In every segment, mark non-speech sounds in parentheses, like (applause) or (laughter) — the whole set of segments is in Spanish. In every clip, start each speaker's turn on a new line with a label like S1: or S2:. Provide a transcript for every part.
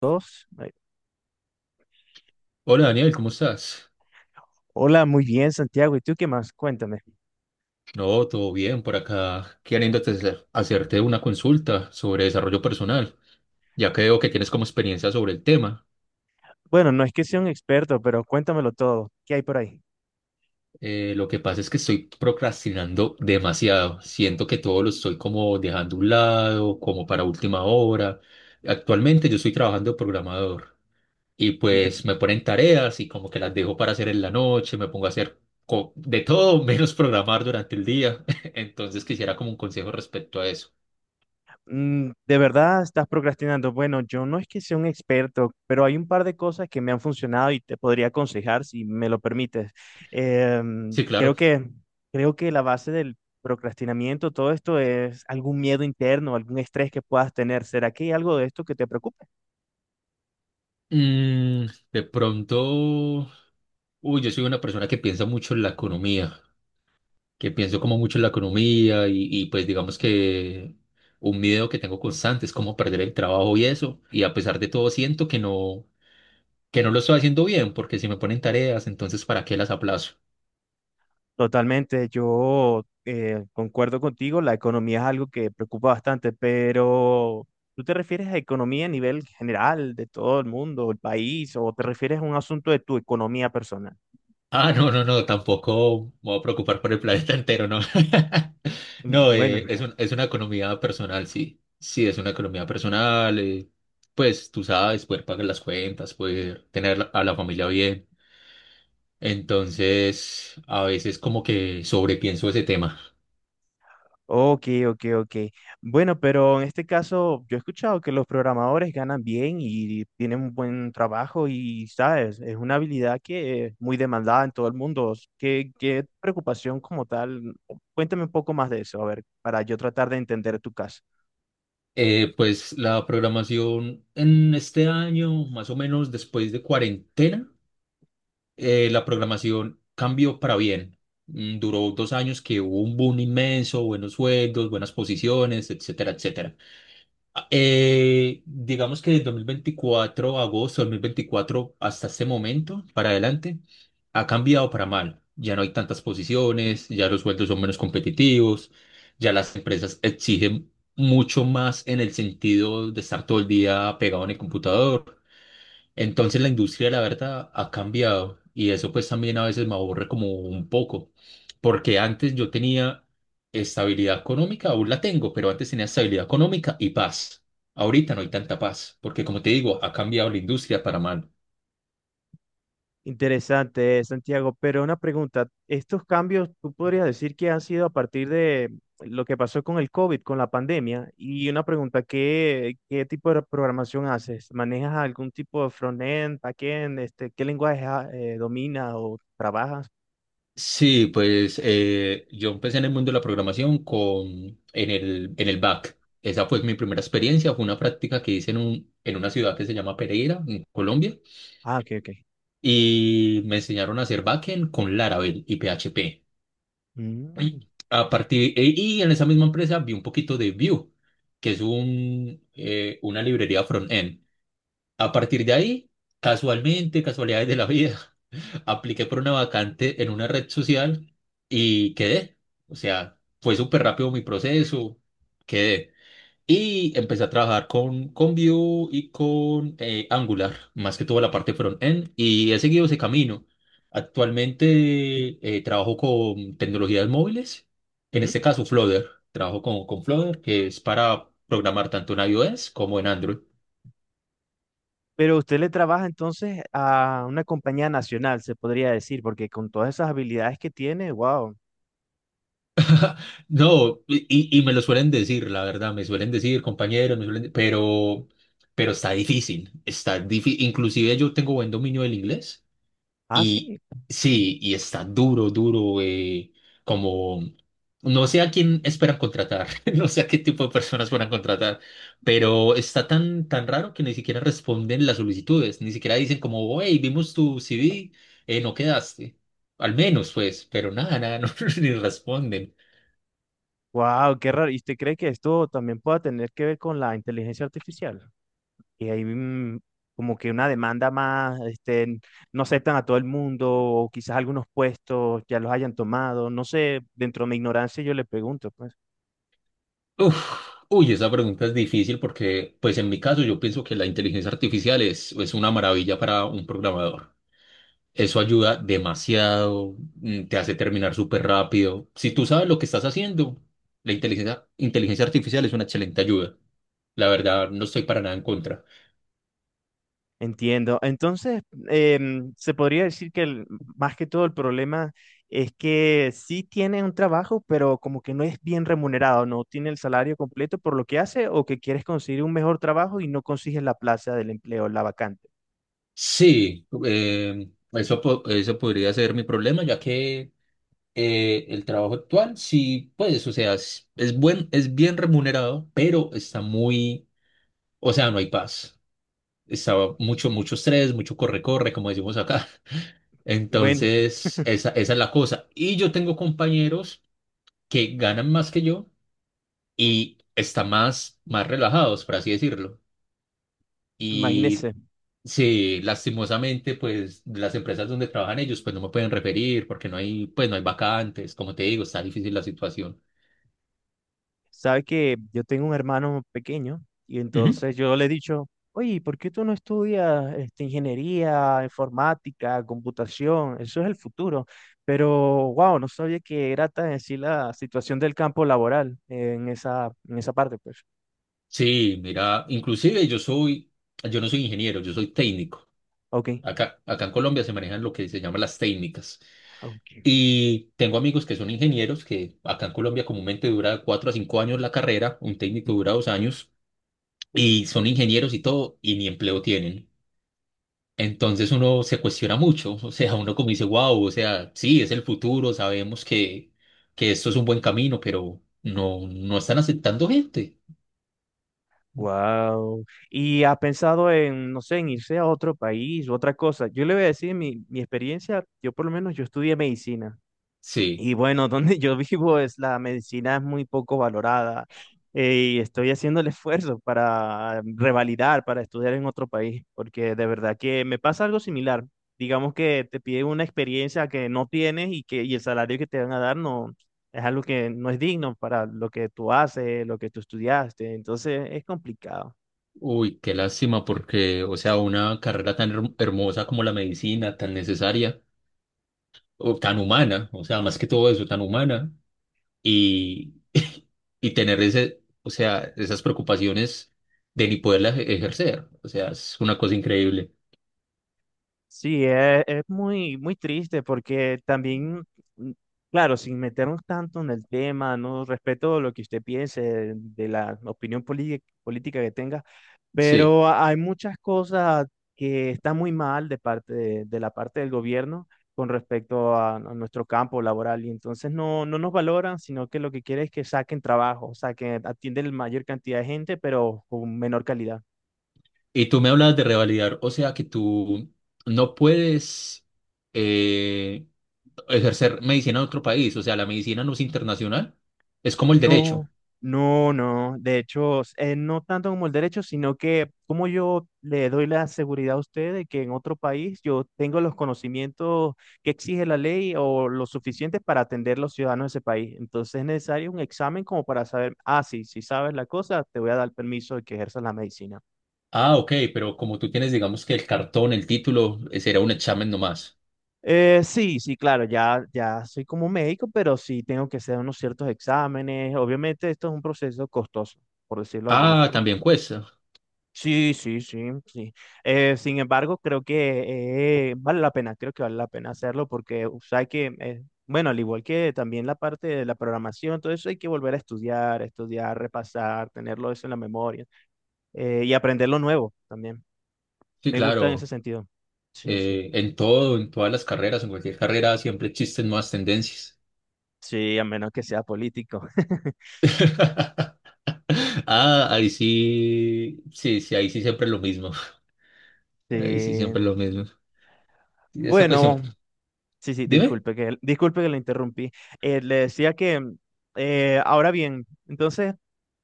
S1: Dos. Ay,
S2: Hola Daniel, ¿cómo estás?
S1: hola, muy bien, Santiago. ¿Y tú qué más? Cuéntame.
S2: No, todo bien por acá, queriendo hacerte una consulta sobre desarrollo personal, ya que veo que tienes como experiencia sobre el tema.
S1: Bueno, no es que sea un experto, pero cuéntamelo todo. ¿Qué hay por ahí?
S2: Lo que pasa es que estoy procrastinando demasiado, siento que todo lo estoy como dejando a un lado, como para última hora. Actualmente yo estoy trabajando de programador y pues
S1: De,
S2: me ponen tareas y como que las dejo para hacer en la noche, me pongo a hacer de todo menos programar durante el día, (laughs) entonces quisiera como un consejo respecto a eso.
S1: mm, ¿de verdad estás procrastinando? Bueno, yo no es que sea un experto, pero hay un par de cosas que me han funcionado y te podría aconsejar si me lo permites.
S2: Sí,
S1: Creo
S2: claro.
S1: que, creo que la base del procrastinamiento, todo esto es algún miedo interno, algún estrés que puedas tener. ¿Será que hay algo de esto que te preocupe?
S2: Mm, de pronto, uy, yo soy una persona que piensa mucho en la economía, que pienso como mucho en la economía y pues digamos que un miedo que tengo constante es cómo perder el trabajo y eso. Y a pesar de todo siento que no lo estoy haciendo bien porque si me ponen tareas, entonces ¿para qué las aplazo?
S1: Totalmente, yo concuerdo contigo, la economía es algo que preocupa bastante, pero ¿tú te refieres a economía a nivel general de todo el mundo, el país, o te refieres a un asunto de tu economía personal?
S2: Ah, no, no, no, tampoco me voy a preocupar por el planeta entero, no. (laughs)
S1: Mm,
S2: No,
S1: bueno.
S2: es es una economía personal, sí. Sí, es una economía personal. Pues tú sabes, poder pagar las cuentas, poder tener a la familia bien. Entonces, a veces como que sobrepienso ese tema.
S1: Ok, ok, ok. Bueno, pero en este caso yo he escuchado que los programadores ganan bien y tienen un buen trabajo y, sabes, es una habilidad que es muy demandada en todo el mundo. ¿Qué preocupación como tal? Cuéntame un poco más de eso, a ver, para yo tratar de entender tu caso.
S2: Pues la programación en este año, más o menos después de cuarentena. La programación cambió para bien. Mm, duró dos años que hubo un boom inmenso, buenos sueldos, buenas posiciones, etcétera, etcétera. Digamos que de 2024, agosto de 2024 hasta este momento, para adelante, ha cambiado para mal. Ya no hay tantas posiciones, ya los sueldos son menos competitivos, ya las empresas exigen mucho más en el sentido de estar todo el día pegado en el computador. Entonces la industria, de la verdad, ha cambiado y eso pues también a veces me aburre como un poco, porque antes yo tenía estabilidad económica, aún la tengo, pero antes tenía estabilidad económica y paz. Ahorita no hay tanta paz, porque como te digo, ha cambiado la industria para mal.
S1: Interesante, Santiago, pero una pregunta, ¿estos cambios tú podrías decir que han sido a partir de lo que pasó con el COVID, con la pandemia? Y una pregunta, ¿qué tipo de programación haces? ¿Manejas algún tipo de front-end, back-end? Este, ¿qué lenguaje dominas o trabajas?
S2: Sí, pues yo empecé en el mundo de la programación en en el back. Esa fue mi primera experiencia, fue una práctica que hice en una ciudad que se llama Pereira, en Colombia.
S1: Ah, ok, ok.
S2: Y me enseñaron a hacer backend con Laravel y PHP.
S1: Mm,
S2: Y a partir, y en esa misma empresa vi un poquito de Vue, que es una librería front-end. A partir de ahí, casualmente, casualidades de la vida, (laughs) apliqué por una vacante en una red social y quedé. O sea, fue súper rápido mi proceso, quedé. Y empecé a trabajar con Vue y con Angular, más que toda la parte front-end, y he seguido ese camino. Actualmente trabajo con tecnologías móviles, en
S1: ujú.
S2: este caso Flutter. Trabajo con Flutter, que es para programar tanto en iOS como en Android.
S1: Pero usted le trabaja entonces a una compañía nacional, se podría decir, porque con todas esas habilidades que tiene, wow.
S2: No, y me lo suelen decir, la verdad, me suelen decir compañeros, me suelen, pero está difícil, está difícil. Inclusive yo tengo buen dominio del inglés
S1: Ah,
S2: y
S1: sí.
S2: sí, y está duro, duro, como no sé a quién esperan contratar, (laughs) no sé a qué tipo de personas van a contratar, pero está tan, tan raro que ni siquiera responden las solicitudes, ni siquiera dicen como, hey, vimos tu CV, no quedaste. Al menos, pues, pero nada, nada, (laughs) no, ni responden.
S1: Wow, qué raro. ¿Y usted cree que esto también pueda tener que ver con la inteligencia artificial? Y hay mm, como que una demanda más, este, no aceptan a todo el mundo, o quizás algunos puestos ya los hayan tomado. No sé, dentro de mi ignorancia yo le pregunto, pues.
S2: Uf, uy, esa pregunta es difícil porque, pues en mi caso, yo pienso que la inteligencia artificial es una maravilla para un programador. Eso ayuda demasiado, mm, te hace terminar súper rápido. Si tú sabes lo que estás haciendo, la inteligencia artificial es una excelente ayuda. La verdad, no estoy para nada en contra.
S1: Entiendo. Entonces, se podría decir que el- más que todo el problema es que sí tiene un trabajo, pero como que no es bien remunerado, no tiene el salario completo por lo que hace, o que quieres conseguir un mejor trabajo y no consigues la plaza del empleo, la vacante.
S2: Sí, eso, eso podría ser mi problema, ya que el trabajo actual, sí, pues, o sea, es buen, es bien remunerado, pero está muy, o sea, no hay paz. Está mucho, mucho estrés, mucho corre-corre, como decimos acá.
S1: Bueno,
S2: Entonces, esa es la cosa. Y yo tengo compañeros que ganan más que yo y están más, más relajados, por así decirlo. Y
S1: imagínese,
S2: sí, lastimosamente, pues las empresas donde trabajan ellos, pues no me pueden referir porque no hay, pues no hay vacantes. Como te digo, está difícil la situación.
S1: sabe que yo tengo un hermano pequeño y
S2: Ujú.
S1: entonces yo le he dicho, oye, ¿por qué tú no estudias este, ingeniería, informática, computación? Eso es el futuro. Pero, wow, no sabía que era tan así la situación del campo laboral en esa parte, pues.
S2: Sí, mira, inclusive yo soy, yo no soy ingeniero, yo soy técnico.
S1: Ok,
S2: Acá en Colombia se manejan lo que se llama las técnicas.
S1: ok.
S2: Y tengo amigos que son ingenieros, que acá en Colombia comúnmente dura cuatro a cinco años la carrera, un técnico dura
S1: (laughs)
S2: dos años, y son ingenieros y todo, y ni empleo tienen. Entonces uno se cuestiona mucho, o sea, uno como dice, wow, o sea, sí, es el futuro, sabemos que esto es un buen camino, pero no, no están aceptando gente.
S1: Wow. ¿Y ha pensado en, no sé, en irse a otro país u otra cosa? Yo le voy a decir mi experiencia, yo por lo menos yo estudié medicina.
S2: Sí,
S1: Y bueno, (laughs) donde yo vivo es la medicina es muy poco valorada y estoy haciendo el esfuerzo para revalidar, para estudiar en otro país, porque de verdad que me pasa algo similar. Digamos que te piden una experiencia que no tienes y que y el salario que te van a dar no es algo que no es digno para lo que tú haces, lo que tú estudiaste, entonces es complicado.
S2: uy, qué lástima, porque, o sea, una carrera tan hermosa como la medicina, tan necesaria, o tan humana, o sea, más que todo eso, tan humana y, (laughs) y tener ese, o sea, esas preocupaciones de ni poderlas ejercer. O sea, es una cosa increíble.
S1: Sí, es muy, muy triste porque también, mm, claro, sin meternos tanto en el tema, no respeto lo que usted piense de la opinión poli- política que tenga,
S2: Sí.
S1: pero hay muchas cosas que están muy mal de parte de la parte del gobierno con respecto a nuestro campo laboral y entonces no, no nos valoran, sino que lo que quiere es que saquen trabajo, o sea, que atienden la mayor cantidad de gente, pero con menor calidad.
S2: Y tú me hablas de revalidar, o sea, que tú no puedes eh, ejercer medicina en otro país. O sea, la medicina no es internacional, es como el
S1: No,
S2: derecho.
S1: no, no. De hecho, s- no tanto como el derecho, sino que como yo le doy la seguridad a usted de que en otro país yo tengo los conocimientos que exige la ley o lo suficientes para atender los ciudadanos de ese país. Entonces es necesario un examen como para saber, ah, sí, si sabes la cosa, te voy a dar permiso de que ejerzas la medicina.
S2: Ah, ok, pero como tú tienes, digamos que el cartón, el título, será un examen nomás.
S1: Sí, sí, claro, ya, ya soy como médico, pero sí tengo que hacer unos ciertos exámenes. Obviamente esto es un proceso costoso, por decirlo de alguna
S2: Ah,
S1: forma.
S2: también cuesta.
S1: Sí, sí, sí, sí. Sin embargo, creo que vale la pena, creo que vale la pena hacerlo porque, o sea, hay que, bueno, al igual que también la parte de la programación, todo eso hay que volver a estudiar, estudiar, repasar, tenerlo eso en la memoria y aprender lo nuevo también.
S2: Sí,
S1: Me gusta en ese
S2: claro.
S1: sentido. Sí, sí.
S2: En todo, en todas las carreras, en cualquier carrera siempre existen nuevas tendencias.
S1: Sí, a menos que sea político. (laughs)
S2: (laughs) Ah, ahí sí, sí, sí, ahí sí siempre lo mismo. (laughs) Ahí sí
S1: Sí.
S2: siempre lo mismo. Y esa cuestión,
S1: Bueno, sí, sí,
S2: dime.
S1: disculpe que le interrumpí. Le decía que, mm, ahora bien, entonces,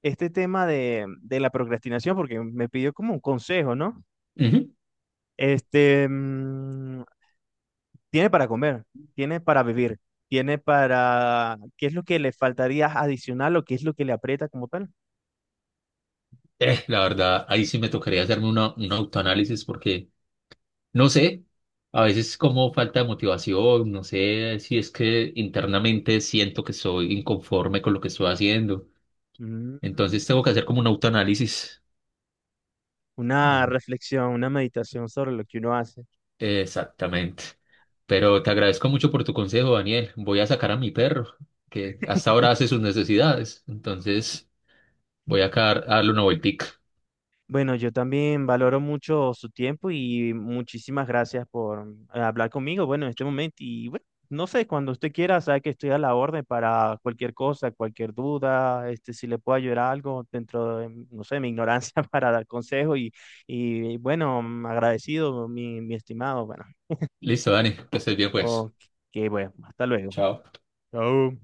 S1: este tema de la procrastinación, porque me pidió como un consejo, ¿no?
S2: Ujú.
S1: Este, mm, tiene para comer, tiene para vivir, tiene para, ¿qué es lo que le faltaría adicional o qué es lo que le aprieta como tal?
S2: La verdad, ahí sí me tocaría hacerme un autoanálisis porque no sé, a veces como falta de motivación, no sé si es que internamente siento que soy inconforme con lo que estoy haciendo.
S1: Mm,
S2: Entonces tengo que hacer como un autoanálisis.
S1: una
S2: Ay.
S1: reflexión, una meditación sobre lo que uno hace.
S2: Exactamente. Pero te agradezco mucho por tu consejo, Daniel. Voy a sacar a mi perro, que
S1: (laughs)
S2: hasta ahora hace sus necesidades. Entonces, voy acá a darle una vueltica.
S1: Bueno, yo también valoro mucho su tiempo y muchísimas gracias por hablar conmigo, bueno, en este momento. Y bueno, no sé, cuando usted quiera, sabe que estoy a la orden para cualquier cosa, cualquier duda, este, si le puedo ayudar algo dentro de, no sé, mi ignorancia (laughs) para dar consejo y bueno, agradecido, mi estimado, bueno,
S2: Listo, Dani, que estés bien, pues.
S1: ok, bueno, hasta luego.
S2: Chao.
S1: Chao.